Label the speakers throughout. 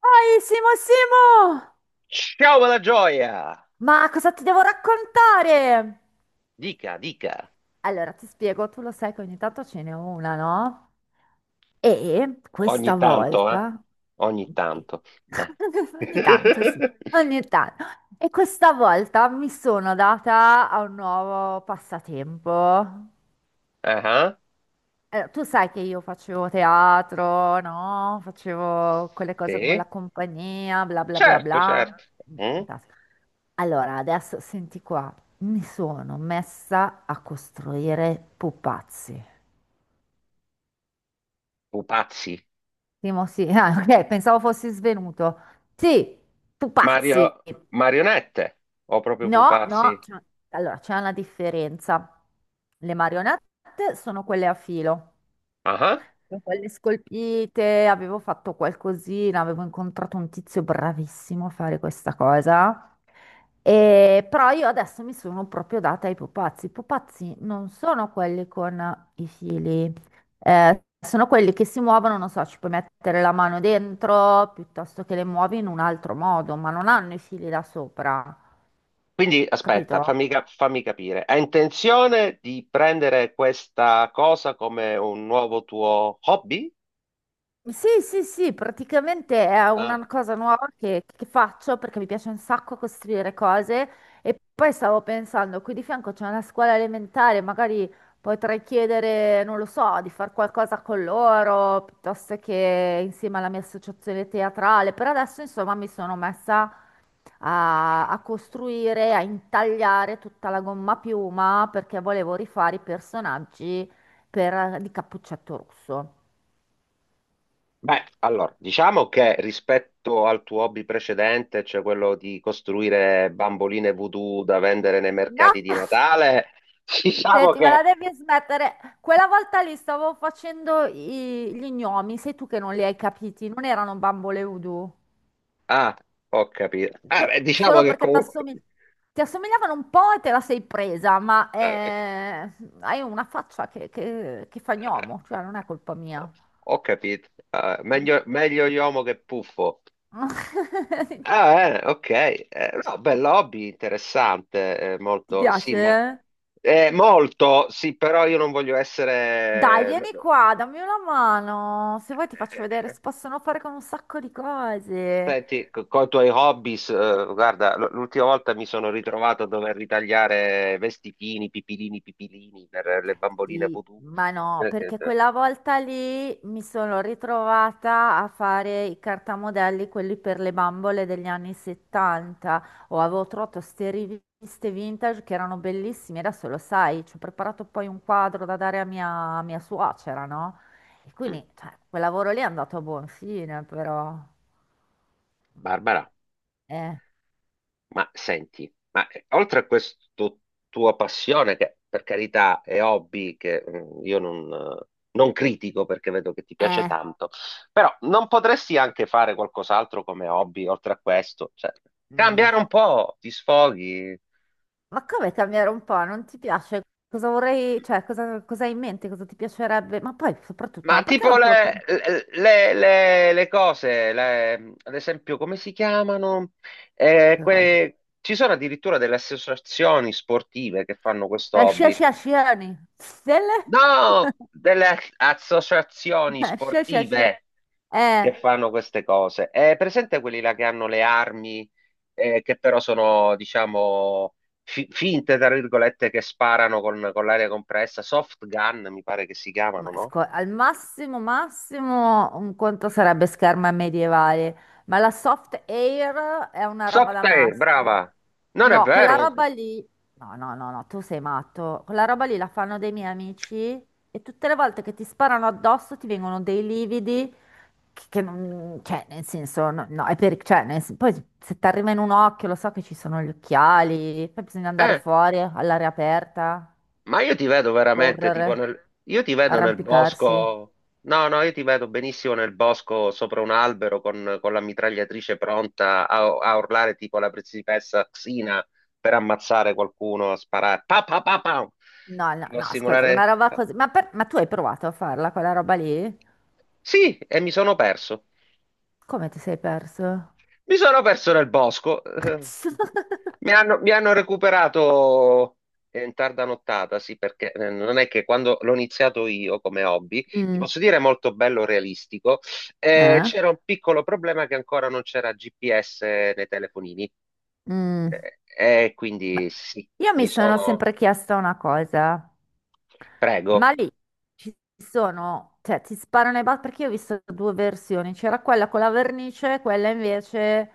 Speaker 1: Poi, Simo, Simo!
Speaker 2: Ciao, bella gioia!
Speaker 1: Ma cosa ti devo raccontare?
Speaker 2: Dica, dica.
Speaker 1: Allora, ti spiego, tu lo sai che ogni tanto ce n'è una, no? E questa
Speaker 2: Ogni tanto, ciao. Eh?
Speaker 1: volta...
Speaker 2: Ogni
Speaker 1: Sì.
Speaker 2: tanto. Eh.
Speaker 1: Ogni tanto, sì, ogni tanto. E questa volta mi sono data a un nuovo passatempo.
Speaker 2: Ah,
Speaker 1: Tu sai che io facevo teatro, no? Facevo quelle cose con la
Speaker 2: sì?
Speaker 1: compagnia, bla bla bla
Speaker 2: Certo,
Speaker 1: bla.
Speaker 2: certo.
Speaker 1: Mm,
Speaker 2: Mm?
Speaker 1: fantastico. Allora, adesso senti qua, mi sono messa a costruire pupazzi.
Speaker 2: Pupazzi.
Speaker 1: Timo, sì, ah, ok, pensavo fossi svenuto. Sì, pupazzi.
Speaker 2: Mario... Marionette. O proprio
Speaker 1: No,
Speaker 2: pupazzi.
Speaker 1: no, allora c'è una differenza. Le marionette sono quelle a filo,
Speaker 2: Ah, ah.
Speaker 1: con le scolpite. Avevo fatto qualcosina, avevo incontrato un tizio bravissimo a fare questa cosa. E, però io adesso mi sono proprio data ai pupazzi. I pupazzi non sono quelli con i fili, sono quelli che si muovono, non so, ci puoi mettere la mano dentro piuttosto che le muovi in un altro modo, ma non hanno i fili da sopra,
Speaker 2: Quindi, aspetta,
Speaker 1: capito?
Speaker 2: fammi capire. Hai intenzione di prendere questa cosa come un nuovo tuo hobby?
Speaker 1: Sì, sì, sì, praticamente è una
Speaker 2: Ah.
Speaker 1: cosa nuova che faccio perché mi piace un sacco costruire cose e poi stavo pensando, qui di fianco c'è una scuola elementare, magari potrei chiedere, non lo so, di fare qualcosa con loro, piuttosto che insieme alla mia associazione teatrale. Per adesso, insomma, mi sono messa a costruire, a intagliare tutta la gomma a piuma perché volevo rifare i personaggi di Cappuccetto Rosso.
Speaker 2: Beh, allora, diciamo che rispetto al tuo hobby precedente, cioè quello di costruire bamboline voodoo da vendere nei
Speaker 1: No!
Speaker 2: mercati di Natale, diciamo
Speaker 1: Senti, ma
Speaker 2: che...
Speaker 1: la devi smettere. Quella volta lì stavo facendo gli gnomi, sei tu che non li hai capiti, non erano bambole voodoo.
Speaker 2: Ah, ho capito. Ah, beh, diciamo
Speaker 1: Solo
Speaker 2: che
Speaker 1: perché
Speaker 2: comunque...
Speaker 1: ti assomigliavano un po' e te la sei presa, ma
Speaker 2: Ah,
Speaker 1: hai una faccia che fa
Speaker 2: ah,
Speaker 1: gnomo, cioè non è colpa mia.
Speaker 2: Ho ho capito. Ah, meglio, meglio Iomo che Puffo. Ah, bene, ok. No, bello hobby, interessante,
Speaker 1: Ti
Speaker 2: molto, sì,
Speaker 1: piace?
Speaker 2: ma...
Speaker 1: Eh?
Speaker 2: Eh, molto, sì, però io non voglio
Speaker 1: Dai,
Speaker 2: essere...
Speaker 1: vieni qua, dammi una mano. Se vuoi ti faccio
Speaker 2: eh,
Speaker 1: vedere,
Speaker 2: eh,
Speaker 1: si possono fare con un sacco di cose.
Speaker 2: Senti, con i tuoi hobbies, guarda, l'ultima volta mi sono ritrovato a dover ritagliare vestitini, pipilini, pipilini per le bamboline
Speaker 1: Sì,
Speaker 2: voodoo.
Speaker 1: ma no,
Speaker 2: Eh, che-
Speaker 1: perché
Speaker 2: eh.
Speaker 1: quella volta lì mi sono ritrovata a fare i cartamodelli, quelli per le bambole degli anni 70. O avevo trovato ste riviste vintage che erano bellissime, adesso lo sai, ci ho preparato poi un quadro da dare a mia suocera, no? E
Speaker 2: Mm.
Speaker 1: quindi, cioè, quel lavoro lì è andato a buon fine, però... Mm.
Speaker 2: Barbara,
Speaker 1: Eh,
Speaker 2: ma senti, ma oltre a questa tua passione, che per carità è hobby, che mm, io non, non critico perché vedo che ti piace
Speaker 1: eh,
Speaker 2: tanto, però non potresti anche fare qualcos'altro come hobby oltre a questo? Cioè,
Speaker 1: mm.
Speaker 2: cambiare un po', ti sfoghi.
Speaker 1: Ma come cambiare un po'? Non ti piace? Cosa vorrei, cioè, cosa, cosa hai in mente? Cosa ti piacerebbe? Ma poi, soprattutto,
Speaker 2: Ma
Speaker 1: ma perché
Speaker 2: tipo
Speaker 1: non te lo
Speaker 2: le,
Speaker 1: prendi?
Speaker 2: le- le- le cose, ad esempio, come si chiamano?
Speaker 1: Che cosa?
Speaker 2: Ci sono addirittura delle associazioni sportive che fanno questo
Speaker 1: La
Speaker 2: hobby.
Speaker 1: sciasciazione. Stelle?
Speaker 2: No, delle associazioni
Speaker 1: La sciasciazione.
Speaker 2: sportive
Speaker 1: Eh,
Speaker 2: che fanno queste cose. È presente quelli là che hanno le armi, che però sono, diciamo, finte, tra virgolette, che sparano con l'aria compressa, soft gun, mi pare che si
Speaker 1: ma
Speaker 2: chiamano, no?
Speaker 1: al massimo, massimo, un conto sarebbe scherma medievale. Ma la soft air è una roba
Speaker 2: Soft
Speaker 1: da
Speaker 2: Air,
Speaker 1: maschi.
Speaker 2: brava. Non è
Speaker 1: No, quella
Speaker 2: vero.
Speaker 1: roba lì... No, no, no, no, tu sei matto. Quella roba lì la fanno dei miei amici e tutte le volte che ti sparano addosso ti vengono dei lividi che non, cioè, nel senso, no, no, è per, cioè, poi se ti arriva in un occhio, lo so che ci sono gli occhiali, poi bisogna andare
Speaker 2: Eh,
Speaker 1: fuori all'aria aperta,
Speaker 2: ma io ti vedo veramente
Speaker 1: correre,
Speaker 2: tipo nel... Io ti vedo nel
Speaker 1: arrampicarsi.
Speaker 2: bosco. No, no, io ti vedo benissimo nel bosco sopra un albero con la mitragliatrice pronta a, a urlare tipo la principessa Xina per ammazzare qualcuno, a sparare. Pa, pa, pa, pa.
Speaker 1: No, no,
Speaker 2: Tipo a
Speaker 1: no, ascolta, una
Speaker 2: simulare...
Speaker 1: roba così. Ma, ma tu hai provato a farla quella roba lì?
Speaker 2: Sì, e mi sono perso.
Speaker 1: Come ti sei perso?
Speaker 2: Mi sono perso nel bosco. Mi hanno, mi hanno recuperato in tarda nottata, sì, perché non è che quando l'ho iniziato io come hobby, ti
Speaker 1: Mm,
Speaker 2: posso dire molto bello realistico,
Speaker 1: eh?
Speaker 2: c'era un piccolo problema che ancora non c'era GPS nei telefonini.
Speaker 1: Mm.
Speaker 2: Eh, e
Speaker 1: Beh,
Speaker 2: quindi sì,
Speaker 1: io
Speaker 2: mi
Speaker 1: mi sono
Speaker 2: sono...
Speaker 1: sempre chiesta una cosa. Ma
Speaker 2: Prego.
Speaker 1: lì ci sono, cioè ti sparano i bat perché io ho visto due versioni, c'era quella con la vernice, quella invece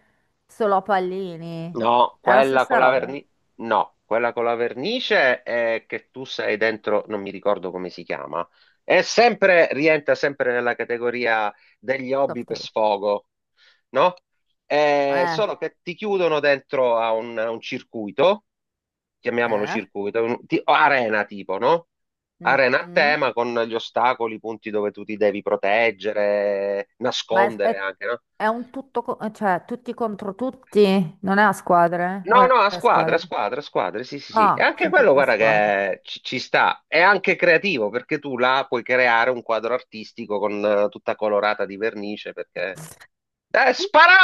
Speaker 1: solo a pallini.
Speaker 2: No,
Speaker 1: È la
Speaker 2: quella
Speaker 1: stessa
Speaker 2: con la
Speaker 1: roba,
Speaker 2: vernice, no, quella con la vernice è che tu sei dentro, non mi ricordo come si chiama, è sempre, rientra sempre nella categoria degli hobby
Speaker 1: soft
Speaker 2: per
Speaker 1: tape.
Speaker 2: sfogo, no?
Speaker 1: Eh,
Speaker 2: Solo che ti chiudono dentro a un circuito, chiamiamolo
Speaker 1: eh,
Speaker 2: circuito, arena tipo, no?
Speaker 1: mm,
Speaker 2: Arena a
Speaker 1: mm.
Speaker 2: tema con gli ostacoli, i punti dove tu ti devi proteggere,
Speaker 1: Ma è,
Speaker 2: nascondere
Speaker 1: è-
Speaker 2: anche, no?
Speaker 1: è un tutto, cioè tutti contro tutti, non è a squadre? O
Speaker 2: No,
Speaker 1: è
Speaker 2: no, a
Speaker 1: a
Speaker 2: squadre, a
Speaker 1: squadre?
Speaker 2: squadre, a squadre, sì, sì, sì. E
Speaker 1: Ah,
Speaker 2: anche
Speaker 1: sempre
Speaker 2: quello,
Speaker 1: a
Speaker 2: guarda,
Speaker 1: squadre.
Speaker 2: che ci, ci sta. È anche creativo, perché tu là puoi creare un quadro artistico con tutta colorata di vernice, perché...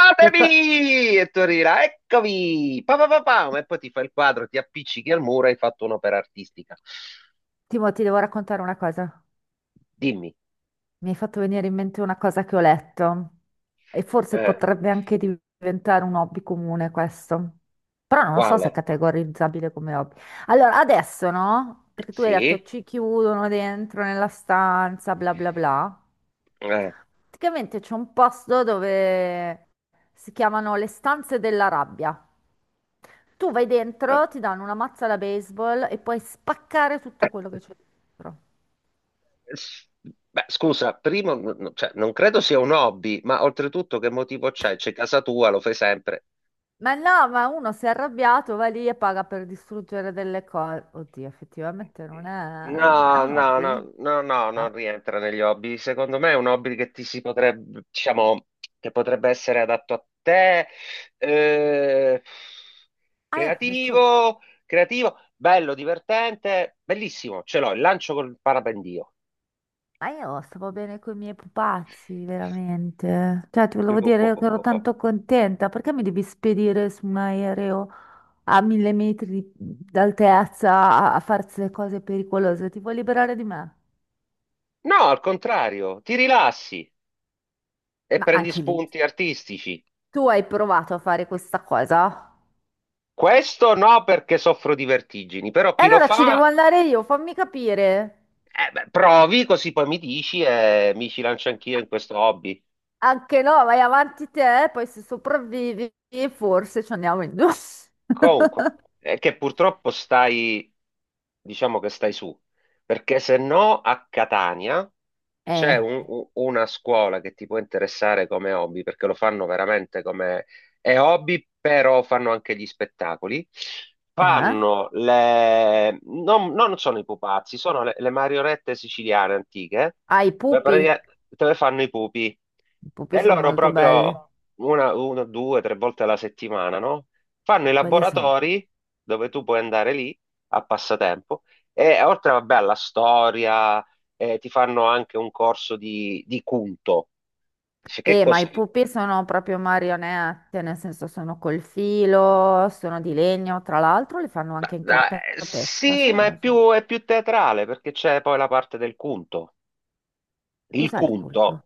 Speaker 1: Sai che co-
Speaker 2: E tu arrivi là, eccomi! Pa, pa, pa, pam! E poi ti fai il quadro, ti appiccichi al muro e hai fatto un'opera artistica.
Speaker 1: Timo, ti devo raccontare una cosa.
Speaker 2: Dimmi,
Speaker 1: Mi hai fatto venire in mente una cosa che ho letto e forse
Speaker 2: eh,
Speaker 1: potrebbe anche diventare un hobby comune questo, però non lo so se è
Speaker 2: quale?
Speaker 1: categorizzabile come hobby. Allora, adesso no? Perché tu hai detto
Speaker 2: Sì?
Speaker 1: ci chiudono dentro nella stanza, bla bla bla.
Speaker 2: Eh,
Speaker 1: Praticamente c'è un posto dove si chiamano le stanze della rabbia. Tu vai
Speaker 2: eh.
Speaker 1: dentro, ti danno una mazza da baseball e puoi spaccare tutto quello che c'è dentro.
Speaker 2: S- Beh, scusa, primo, cioè, non credo sia un hobby, ma oltretutto che motivo c'è? C'è casa tua, lo fai sempre.
Speaker 1: Ma no, ma uno si è arrabbiato, va lì e paga per distruggere delle cose. Oddio, effettivamente non è... È
Speaker 2: No,
Speaker 1: un
Speaker 2: no,
Speaker 1: hobby?
Speaker 2: no, no, no,
Speaker 1: No.
Speaker 2: non rientra negli hobby. Secondo me è un hobby che ti si potrebbe, diciamo, che potrebbe essere adatto a te, eh,
Speaker 1: Ah, io faccio...
Speaker 2: creativo, creativo, bello, divertente, bellissimo. Ce l'ho, il lancio col parapendio.
Speaker 1: Ma io stavo bene con i miei pupazzi, veramente. Cioè, ti
Speaker 2: Qui,
Speaker 1: volevo
Speaker 2: qua,
Speaker 1: dire
Speaker 2: qua,
Speaker 1: che ero
Speaker 2: qua, qua.
Speaker 1: tanto contenta. Perché mi devi spedire su un aereo a 1000 metri d'altezza a farsi cose pericolose? Ti vuoi liberare di me?
Speaker 2: No, al contrario, ti rilassi e
Speaker 1: Ma
Speaker 2: prendi
Speaker 1: anche lì,
Speaker 2: spunti artistici.
Speaker 1: tu hai provato a fare questa cosa?
Speaker 2: Questo no perché soffro di vertigini, però
Speaker 1: E
Speaker 2: chi lo
Speaker 1: allora ci devo
Speaker 2: fa,
Speaker 1: andare io, fammi capire.
Speaker 2: beh, provi così poi mi dici e mi ci lancio anch'io in questo hobby.
Speaker 1: Anche no, vai avanti te, poi se sopravvivi, forse ci andiamo in due.
Speaker 2: Comunque, è che purtroppo stai, diciamo che stai su, perché se no a Catania c'è
Speaker 1: Eh,
Speaker 2: un- u- una scuola che ti può interessare come hobby, perché lo fanno veramente come è hobby, però fanno anche gli spettacoli.
Speaker 1: eh?
Speaker 2: Fanno le... Non, non sono i pupazzi, sono le marionette siciliane antiche,
Speaker 1: Ah, i
Speaker 2: dove,
Speaker 1: pupi.
Speaker 2: dove fanno i pupi.
Speaker 1: I pupi
Speaker 2: E
Speaker 1: sono
Speaker 2: loro
Speaker 1: molto belli.
Speaker 2: proprio una, due, tre volte alla settimana, no? Fanno i
Speaker 1: E quelli sono...
Speaker 2: laboratori dove tu puoi andare lì a passatempo e oltre, vabbè, alla storia, ti fanno anche un corso di Cunto. Dice, che
Speaker 1: Ma
Speaker 2: cosa?
Speaker 1: i pupi sono proprio marionette, nel senso sono col filo, sono di legno. Tra l'altro li fanno anche in cartapesta,
Speaker 2: Sì,
Speaker 1: sai,
Speaker 2: ma
Speaker 1: non lo so.
Speaker 2: è più teatrale perché c'è poi la parte del Cunto. Il
Speaker 1: Cos'è il
Speaker 2: Cunto.
Speaker 1: culto?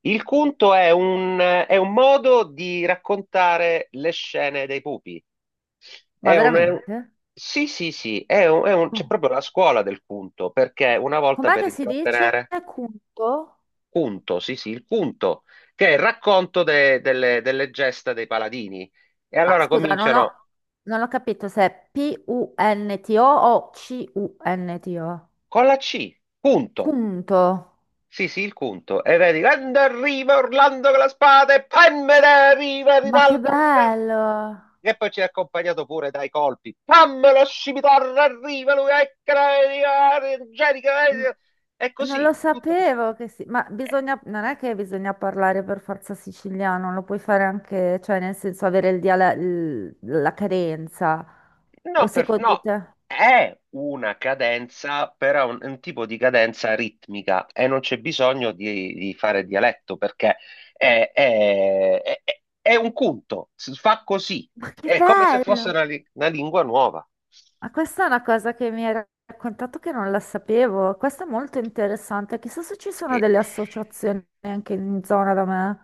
Speaker 2: Il Cunto è un modo di raccontare le scene dei pupi.
Speaker 1: Ma
Speaker 2: È un, è un-
Speaker 1: veramente?
Speaker 2: sì, sì, sì, c'è
Speaker 1: Oh.
Speaker 2: proprio la scuola del Cunto perché una volta
Speaker 1: Com'è
Speaker 2: per
Speaker 1: che si dice?
Speaker 2: intrattenere.
Speaker 1: Culto?
Speaker 2: Punto, sì, sì, il punto, che è il racconto delle, delle gesta dei paladini. E
Speaker 1: Ma
Speaker 2: allora
Speaker 1: scusa, non
Speaker 2: cominciano
Speaker 1: ho, non ho capito se è P-U-N-T-O o C U N T O. C-U-N-T-O.
Speaker 2: con la C, punto.
Speaker 1: Punto.
Speaker 2: Sì, sì, il punto. E vedi, quando arriva Orlando con la spada e pammela arriva
Speaker 1: Ma che
Speaker 2: Rinaldo.
Speaker 1: bello!
Speaker 2: E poi ci è accompagnato pure dai colpi. Pammela scimitarra arriva lui, eccola, arriva, Angelica.
Speaker 1: M-
Speaker 2: Eh, e
Speaker 1: Non
Speaker 2: così,
Speaker 1: lo
Speaker 2: tutto così.
Speaker 1: sapevo che si... Ma bisogna... non è che bisogna parlare per forza siciliano, lo puoi fare anche, cioè nel senso avere il la carenza. O secondo
Speaker 2: No,
Speaker 1: te?
Speaker 2: è una cadenza, però è un tipo di cadenza ritmica e non c'è bisogno di fare dialetto perché è un punto, si fa così,
Speaker 1: Ma che
Speaker 2: è come se fosse
Speaker 1: bello!
Speaker 2: una lingua nuova.
Speaker 1: Ma questa è una cosa che mi hai raccontato che non la sapevo. Questo è molto interessante. Chissà se ci sono
Speaker 2: Sì.
Speaker 1: delle associazioni anche in zona da me.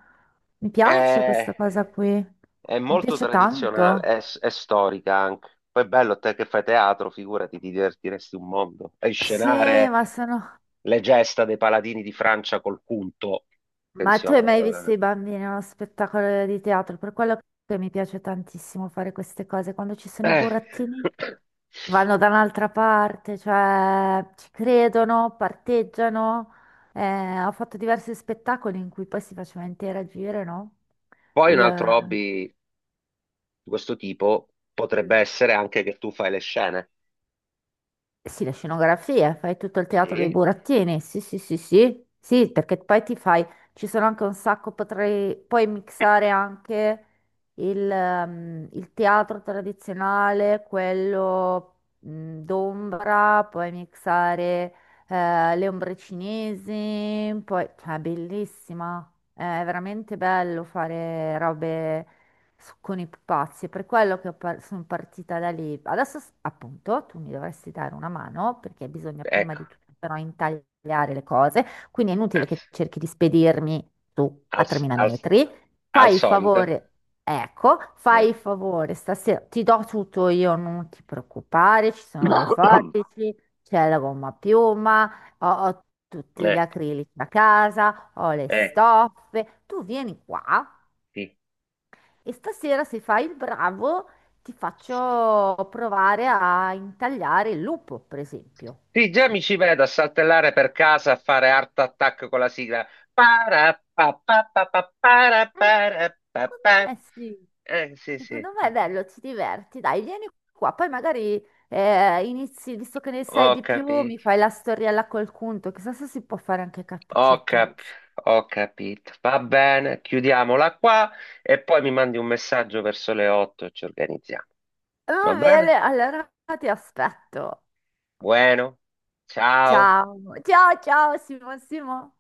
Speaker 1: Mi piace
Speaker 2: Eh,
Speaker 1: questa cosa qui.
Speaker 2: è
Speaker 1: Mi
Speaker 2: molto
Speaker 1: piace
Speaker 2: tradizionale,
Speaker 1: tanto.
Speaker 2: è storica anche. Poi è bello, te che fai teatro, figurati, ti divertiresti un mondo. E
Speaker 1: Sì,
Speaker 2: scenare
Speaker 1: ma sono...
Speaker 2: le gesta dei paladini di Francia col punto.
Speaker 1: Ma tu hai
Speaker 2: Attenzione.
Speaker 1: mai visto i bambini a uno spettacolo di teatro? Per quello che mi piace tantissimo fare queste cose. Quando ci sono i
Speaker 2: Eh.
Speaker 1: burattini vanno da un'altra parte, cioè ci credono, parteggiano. Ho fatto diversi spettacoli in cui poi si faceva interagire, no?
Speaker 2: Poi un altro hobby
Speaker 1: Il-
Speaker 2: di questo tipo potrebbe
Speaker 1: Mm.
Speaker 2: essere anche che tu fai le scene.
Speaker 1: Eh, sì, la scenografia, fai tutto il teatro dei
Speaker 2: Sì,
Speaker 1: burattini. Sì, sì, sì, sì, sì, perché poi ti fai, ci sono anche un sacco, potrei poi mixare anche il teatro tradizionale, quello mm, d'ombra, puoi mixare le ombre cinesi, poi, cioè, è bellissima, è veramente bello fare robe con i pupazzi, è per quello che sono partita da lì. Adesso, appunto, tu mi dovresti dare una mano perché bisogna prima
Speaker 2: ecco,
Speaker 1: di tutto però intagliare le cose, quindi è inutile
Speaker 2: eh,
Speaker 1: che cerchi di spedirmi tu a
Speaker 2: al,
Speaker 1: 3.000
Speaker 2: al-
Speaker 1: metri.
Speaker 2: al
Speaker 1: Fai il
Speaker 2: solito.
Speaker 1: favore, ecco,
Speaker 2: Eh.
Speaker 1: fai il favore, stasera ti do tutto io, non ti preoccupare, ci sono le forbici, c'è la gomma a piuma, ho tutti gli
Speaker 2: Eh,
Speaker 1: acrilici da casa, ho le
Speaker 2: eh,
Speaker 1: stoffe, tu vieni qua
Speaker 2: sì.
Speaker 1: e stasera, se fai il bravo, ti faccio provare a intagliare il lupo, per esempio.
Speaker 2: Sì,
Speaker 1: Poi
Speaker 2: già
Speaker 1: ci-
Speaker 2: mi ci vedo a saltellare per casa a fare Art Attack con la sigla. Para, pa, pa, pa, pa, para,
Speaker 1: Eh,
Speaker 2: para, pa,
Speaker 1: Secondo
Speaker 2: pa.
Speaker 1: me sì.
Speaker 2: Sì, sì,
Speaker 1: Secondo me è bello, ti diverti. Dai, vieni qua. Poi magari inizi, visto che ne sai
Speaker 2: ho
Speaker 1: di più, mi
Speaker 2: capito,
Speaker 1: fai la storiella col conto. Chissà se si può fare anche
Speaker 2: ho
Speaker 1: Cappuccetto
Speaker 2: cap-
Speaker 1: Rosso.
Speaker 2: ho capito. Va bene, chiudiamola qua e poi mi mandi un messaggio verso le 8 e ci organizziamo.
Speaker 1: Va
Speaker 2: Va
Speaker 1: bene,
Speaker 2: bene?
Speaker 1: allora ti aspetto.
Speaker 2: Bueno, ciao.
Speaker 1: Ciao. Ciao, ciao, Simo, Simo.